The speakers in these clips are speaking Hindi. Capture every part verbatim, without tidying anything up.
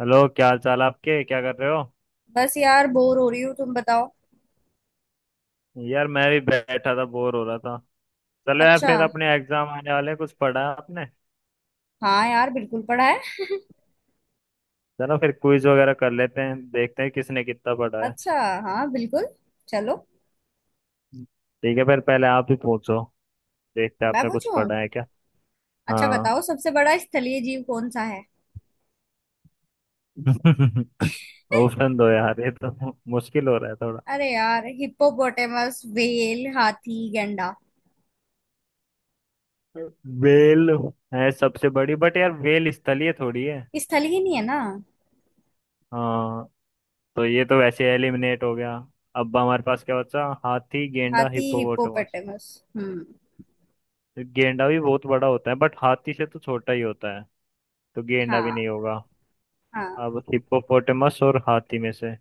हेलो, क्या हाल चाल आपके? क्या कर रहे हो? बस यार बोर हो रही हूँ। तुम बताओ। यार मैं भी बैठा था, बोर हो रहा था। चलो यार, अच्छा। फिर अपने एग्जाम आने वाले हैं, कुछ पढ़ा है आपने? हाँ यार बिल्कुल पढ़ा है। चलो फिर क्विज वगैरह कर लेते हैं, देखते हैं किसने कितना पढ़ा है। अच्छा। हाँ बिल्कुल। चलो। ठीक है फिर पहले आप ही पूछो। देखते हैं मैं आपने कुछ पूछूं। पढ़ा है क्या। अच्छा, हाँ। बताओ सबसे बड़ा स्थलीय जीव कौन सा है? ऑप्शन दो यार, ये तो मुश्किल हो रहा है थोड़ा। अरे यार, हिप्पोपोटेमस, व्हेल, हाथी, गैंडा। वेल है सबसे बड़ी, बट यार वेल स्थलीय थोड़ी है। स्थलीय नहीं है ना। हाँ, तो ये तो वैसे एलिमिनेट हो गया। अब हमारे पास क्या बचा? हाथी, गेंडा, हाथी, हिप्पोपोटामस। हिप्पोपोटेमस। हम्म। गेंडा भी बहुत बड़ा होता है, बट हाथी से तो छोटा ही होता है। तो गेंडा भी हाँ, नहीं होगा। हाँ। अब हिप्पोपोटेमस और हाथी में से,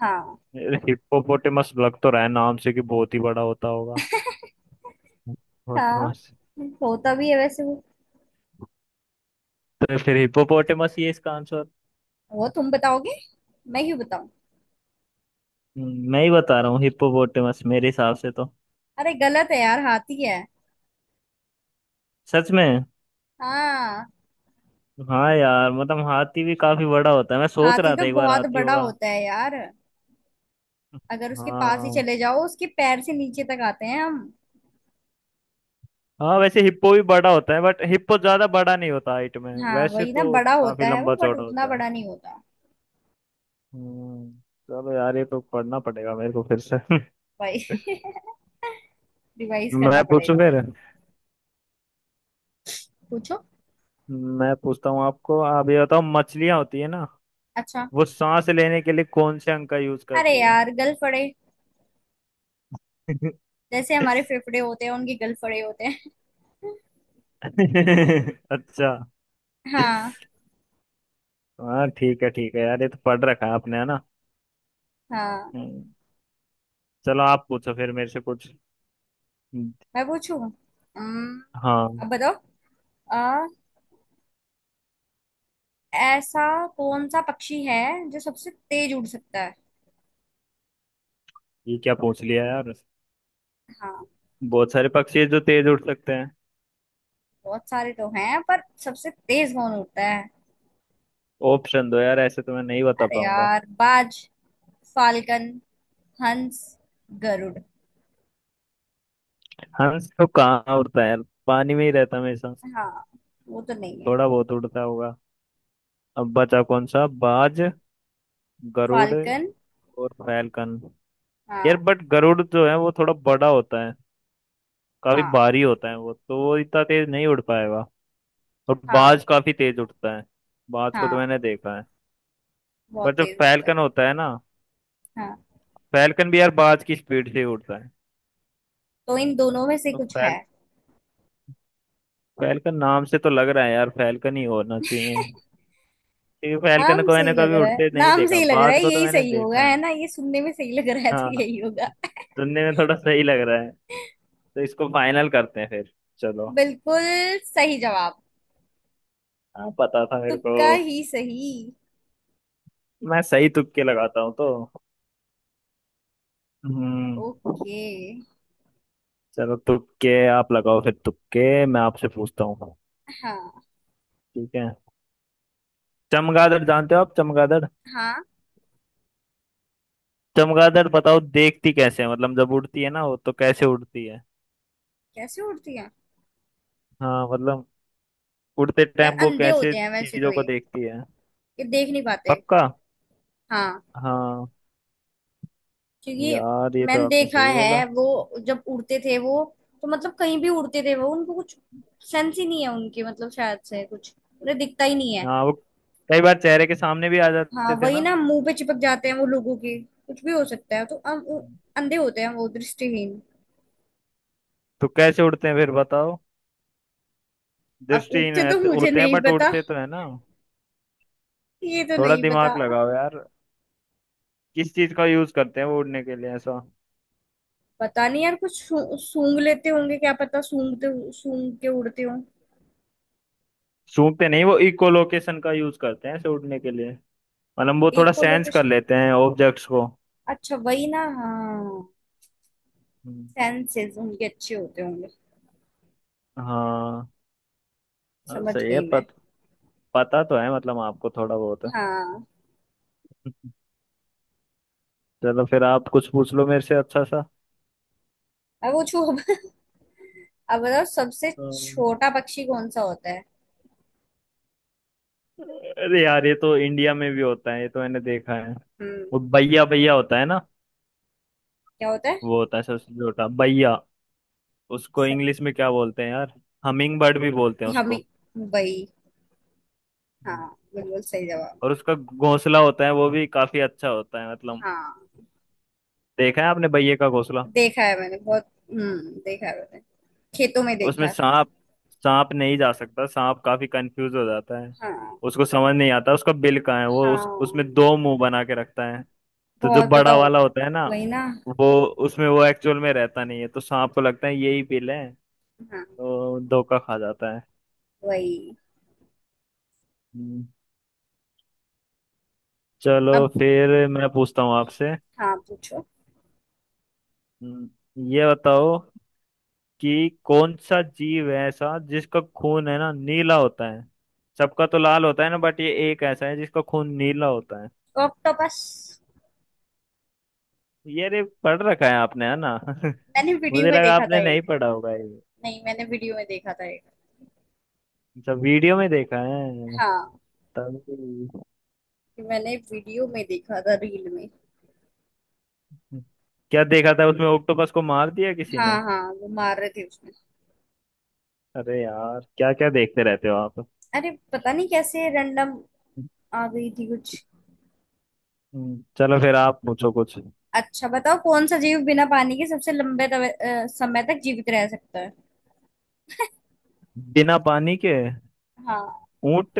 हाँ, हिप्पोपोटेमस लग तो रहा है नाम से कि बहुत ही बड़ा होता होगा। हाँ। हिप्पोपोटेमस। होता भी है वैसे वो। तो फिर हिप्पोपोटेमस ही है इसका आंसर। वो तुम बताओगे। मैं क्यों बताऊं? हम्म, मैं ही बता रहा हूँ, हिप्पोपोटेमस मेरे हिसाब से तो। अरे, गलत है यार, हाथी है। सच में? हाँ। हाँ यार, मतलब हाथी भी काफी बड़ा होता है, मैं सोच हाथी रहा तो था एक बार बहुत हाथी बड़ा होगा। होता है यार। अगर उसके पास ही हाँ, चले जाओ, उसके पैर से नीचे तक आते हैं हम। हाँ वैसे हिप्पो भी बड़ा होता है, बट हिप्पो ज्यादा बड़ा नहीं होता हाइट में, हाँ वैसे वही ना, तो बड़ा काफी होता है वो लंबा बट चौड़ा उतना होता है। बड़ा नहीं होता। हम्म, चलो यार, ये तो पढ़ना पड़ेगा मेरे को फिर से। भाई। रिवाइज करना मैं पूछूं पड़ेगा। फिर। पूछो। मैं पूछता हूँ आपको, आप ये बताओ, मछलियां होती है ना, अच्छा। वो सांस लेने के लिए कौन से अंग का यूज अरे करती है? यार, गलफड़े। जैसे हमारे फेफड़े होते हैं, उनके गलफड़े होते हैं। अच्छा। हाँ। हाँ ठीक है, ठीक है यार, ये तो पढ़ रखा है आपने है ना। हाँ। हम्म, चलो आप पूछो फिर मेरे से कुछ। मैं पूछूं। अम्म, अब हाँ। बताओ। आ, ऐसा कौन सा पक्षी है जो सबसे तेज उड़ सकता है? ये क्या पूछ लिया यार! हाँ। बहुत सारे पक्षी हैं जो तेज उड़ सकते हैं। बहुत सारे तो हैं, पर सबसे तेज कौन उड़ता है? ऑप्शन दो यार, ऐसे तो मैं नहीं बता अरे पाऊंगा। यार, बाज, फाल्कन, हंस, गरुड़। हंस तो कहाँ उड़ता है यार, पानी में ही रहता है हमेशा। हाँ। वो तो नहीं है। थोड़ा बहुत उड़ता होगा। अब बचा कौन सा? बाज, गरुड़ फाल्कन। और फैलकन। यार हाँ, बट गरुड़ जो है वो थोड़ा बड़ा होता है, काफी हाँ, भारी होता है वो, तो वो इतना तेज नहीं उड़ पाएगा। और हाँ, बाज काफी तेज उड़ता है। बाज को तो हाँ। मैंने देखा है। बहुत बट जो तेज होता है। फैलकन होता है ना, हाँ। फैलकन भी यार बाज की स्पीड से ही उड़ता है। तो इन दोनों में से तो कुछ है। फैल फैलकन नाम से तो लग रहा है यार, फैलकन ही होना चाहिए। क्योंकि फैलकन नाम को से मैंने ही लग कभी रहा है, उड़ते नहीं नाम से देखा, ही लग रहा बाज है, को तो यही मैंने सही होगा देखा है। है ना, ये सुनने में सही लग रहा है तो हाँ, यही होगा। सुनने में थोड़ा सही लग रहा है। तो इसको फाइनल करते हैं फिर। चलो। बिल्कुल सही जवाब। हाँ, पता था मेरे को। तुक्का ही सही। मैं सही तुक्के लगाता हूँ तो। हम्म। ओके। चलो तुक्के आप लगाओ फिर, तुक्के मैं आपसे पूछता हूँ। हाँ। ठीक है। चमगादड़ जानते हो आप? चमगादड़, हाँ। चमगादड़ बताओ देखती कैसे है, मतलब जब उड़ती है ना वो, तो कैसे उड़ती है? कैसे उड़ती है? हाँ मतलब उड़ते यार टाइम वो अंधे कैसे होते हैं वैसे तो चीजों को ये देखती है? ये देख नहीं पाते। पक्का? हाँ। हाँ, क्योंकि यार ये तो मैंने आपने देखा सही है बोला। वो, जब उड़ते थे वो, तो मतलब कहीं भी उड़ते थे वो, उनको कुछ सेंस ही नहीं है उनकी, मतलब शायद से कुछ उन्हें दिखता ही नहीं है। हाँ, वो कई बार चेहरे के सामने भी आ हाँ जाते थे वही ना। ना, मुंह पे चिपक जाते हैं वो लोगों के, कुछ भी हो सकता है तो हम वो हम्म। अंधे होते हैं, वो दृष्टिहीन। तो कैसे उड़ते हैं फिर बताओ? अब दृष्टिहीन उठते तो रहते- मुझे होते हैं नहीं बट पता, उड़ते तो है ना। ये तो थोड़ा नहीं पता। दिमाग लगाओ यार, किस चीज का यूज करते हैं वो उड़ने के लिए ऐसा? पता नहीं यार, कुछ सू- सूंघ लेते होंगे, क्या पता, सूंघते सूंघ के उड़ते हों। सूंघते नहीं, वो इकोलोकेशन का यूज करते हैं ऐसे उड़ने के लिए। मतलब वो थोड़ा सेंस कर इकोलोकेशन। लेते हैं ऑब्जेक्ट्स को। अच्छा वही ना, हाँ। हम्म, सेंसेस उनके अच्छे होते होंगे। हाँ। हाँ, समझ सही है गई मैं। पत, पता तो है मतलब आपको थोड़ा बहुत है। हाँ। चलो फिर आप कुछ पूछ लो मेरे से अच्छा सा। अब पूछू अब। अब बताओ सबसे अम्म, छोटा पक्षी कौन सा होता है? अरे यार ये तो इंडिया में भी होता है, ये तो मैंने देखा है। हम्म। वो भैया भैया होता है ना। क्या होता है? वो होता है सबसे छोटा, भैया। उसको स- इंग्लिश में क्या बोलते हैं यार, हमिंग बर्ड भी बोलते हैं हम, उसको। वही। हाँ, हम्म। बिल्कुल सही जवाब। और उसका घोंसला होता है वो भी काफी अच्छा होता है, मतलब हाँ। देखा है आपने बैये का घोंसला? देखा है मैंने बहुत, हम्म देखा है मैंने। खेतों में देखा उसमें है। सांप, सांप नहीं जा सकता, सांप काफी कंफ्यूज हो जाता है। हाँ। उसको समझ नहीं आता उसका बिल कहाँ है, वो उस उसमें हाँ, दो मुंह बना के रखता है। तो जो बहुत, बड़ा बताओ। वाला होता है ना, वही ना। वो उसमें वो एक्चुअल में रहता नहीं है, तो सांप को लगता है यही बिल है, हाँ। तो धोखा खा जाता है। वही। हम्म, चलो अब। फिर मैं पूछता हूँ आपसे। हाँ, पूछो। हम्म, ये बताओ कि कौन सा जीव है ऐसा जिसका खून है ना नीला होता है? सबका तो लाल होता है ना, बट ये एक ऐसा है जिसका खून नीला होता है। तो ऑक्टोपस। ये रे, पढ़ रखा है आपने है ना। मैंने वीडियो मुझे में लगा देखा था आपने नहीं एक। पढ़ा होगा ये। नहीं, मैंने वीडियो में देखा था एक। सब वीडियो में देखा है, हाँ। तभी। मैंने वीडियो में देखा था रील में। क्या देखा था उसमें, ऑक्टोपस को मार दिया किसी ने? हाँ, हाँ, वो मार रहे थे उसमें। अरे यार क्या क्या देखते रहते हो आप। अरे पता नहीं कैसे, रैंडम आ गई थी कुछ। हम्म, चलो फिर आप पूछो कुछ। अच्छा, बताओ कौन सा जीव बिना पानी के सबसे लंबे तवे- अ, समय तक जीवित रह सकता है? बिना पानी के? हाँ। ऊंट।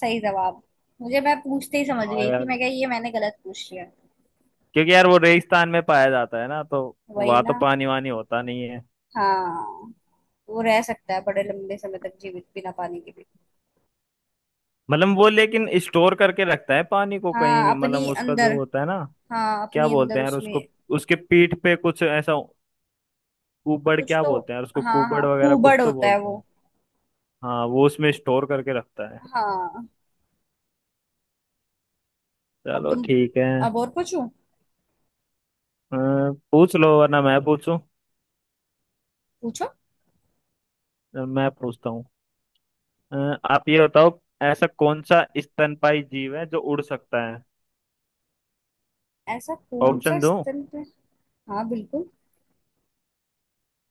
सही जवाब। मुझे, मैं पूछते ही समझ हाँ गई थी यार, मैं, क्या ये मैंने गलत पूछ लिया। क्योंकि यार वो रेगिस्तान में पाया जाता है ना, तो वही वहां तो ना। पानी वानी होता नहीं है। हाँ। वो रह सकता है बड़े लंबे समय तक जीवित बिना पानी के भी। मतलब वो लेकिन स्टोर करके रखता है पानी को हाँ, कहीं, अपनी मतलब उसका अंदर। जो होता है ना, हाँ, क्या अपनी बोलते अंदर हैं यार उसमें। उसको, उसके पीठ पे कुछ ऐसा, कुबड़ कुछ क्या तो। बोलते हैं यार उसको, हाँ, कुबड़ हाँ, वगैरह कुछ कुबड़ तो होता है बोलते हैं। वो। हाँ, वो उसमें स्टोर करके रखता है। हाँ। अब चलो तुम, ठीक है। अब और पूछूं। अ, पूछ लो वरना मैं पूछूं। पूछो। अ, मैं पूछता हूँ। अ, आप ये बताओ, ऐसा कौन सा स्तनपाई जीव है जो उड़ सकता है? ऐसा कौन सा ऑप्शन स्तनपायी? हाँ, बिल्कुल।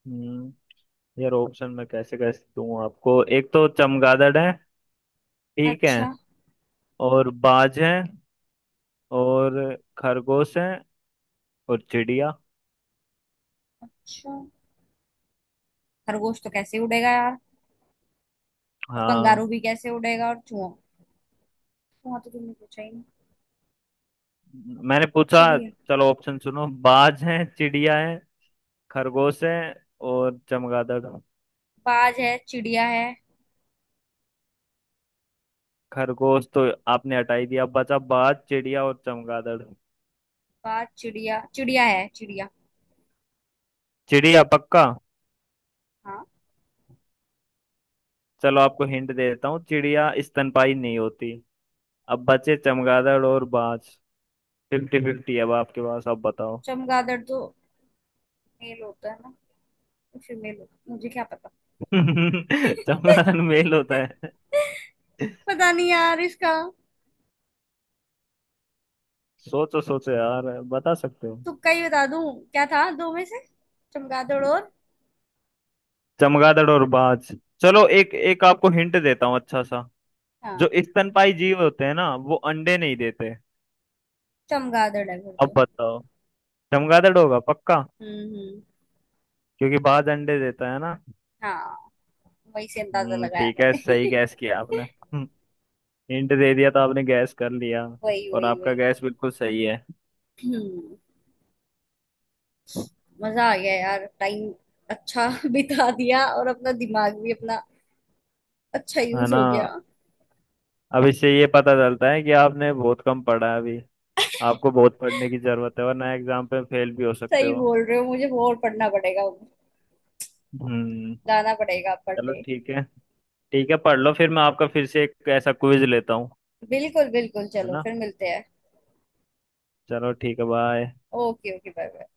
दो यार, ऑप्शन में कैसे कैसे दूं आपको, एक तो चमगादड़ है, ठीक है, अच्छा। और बाज है, और खरगोश है, और चिड़िया। अच्छा। खरगोश तो कैसे उड़ेगा यार? और कंगारू हाँ भी कैसे उड़ेगा, और चूहा? चूहा तो तुमने पूछा ही नहीं। मैंने पूछा। चिड़िया। चलो ऑप्शन सुनो, बाज है, चिड़िया है, खरगोश है और चमगादड़। बाज है, चिड़िया है। खरगोश तो आपने हटा ही दिया, बचा बाज, चिड़िया और चमगादड़। बाज, चिड़िया, चिड़िया है, चिड़िया। चिड़िया पक्का? हाँ। चलो आपको हिंट दे देता हूँ, चिड़िया स्तनपाई नहीं होती। अब बचे चमगादड़ और बाज। फिफ्टी फिफ्टी अब आपके पास, अब बताओ। चमगादड़ तो मेल होता है ना, फीमेल होता है। मुझे क्या पता। चमगादड़ मेल होता है? पता नहीं यार इसका। सोचो सोचो यार, बता सकते हो। तुक्का ही बता दूं। क्या था दो में से? चमगादड़ और। चमगादड़ और बाज। चलो एक एक आपको हिंट देता हूँ अच्छा सा। हाँ। जो स्तनपाई जीव होते हैं ना, वो अंडे नहीं देते। चमगादड़ है फिर अब तो। बताओ। चमगादड़ होगा पक्का, हम्म, हम्म। क्योंकि बाज अंडे देता है ना। हाँ। वही से अंदाजा हम्म लगाया ठीक है, सही मैंने। गैस किया आपने। हम्म, हिंट दे दिया तो आपने गैस कर लिया। वही, और वही, आपका वही। गैस बिल्कुल सही है। हम्म, मजा आ गया यार, टाइम अच्छा बिता दिया, और अपना दिमाग भी अपना अच्छा है यूज ना। हो गया। अब इससे ये पता चलता है कि आपने बहुत कम पढ़ा है अभी, आपको बहुत पढ़ने की जरूरत है, वरना एग्जाम पे फेल भी हो सकते सही हो। बोल रहे हो, मुझे और पढ़ना पड़ेगा। हम्म। जाना पड़ेगा चलो पढ़ने। ठीक है, ठीक है पढ़ लो, फिर मैं आपका फिर से एक ऐसा क्विज लेता हूँ। बिल्कुल, बिल्कुल, है चलो ना। फिर मिलते हैं। चलो ठीक है, bye. Okay, okay, bye, bye.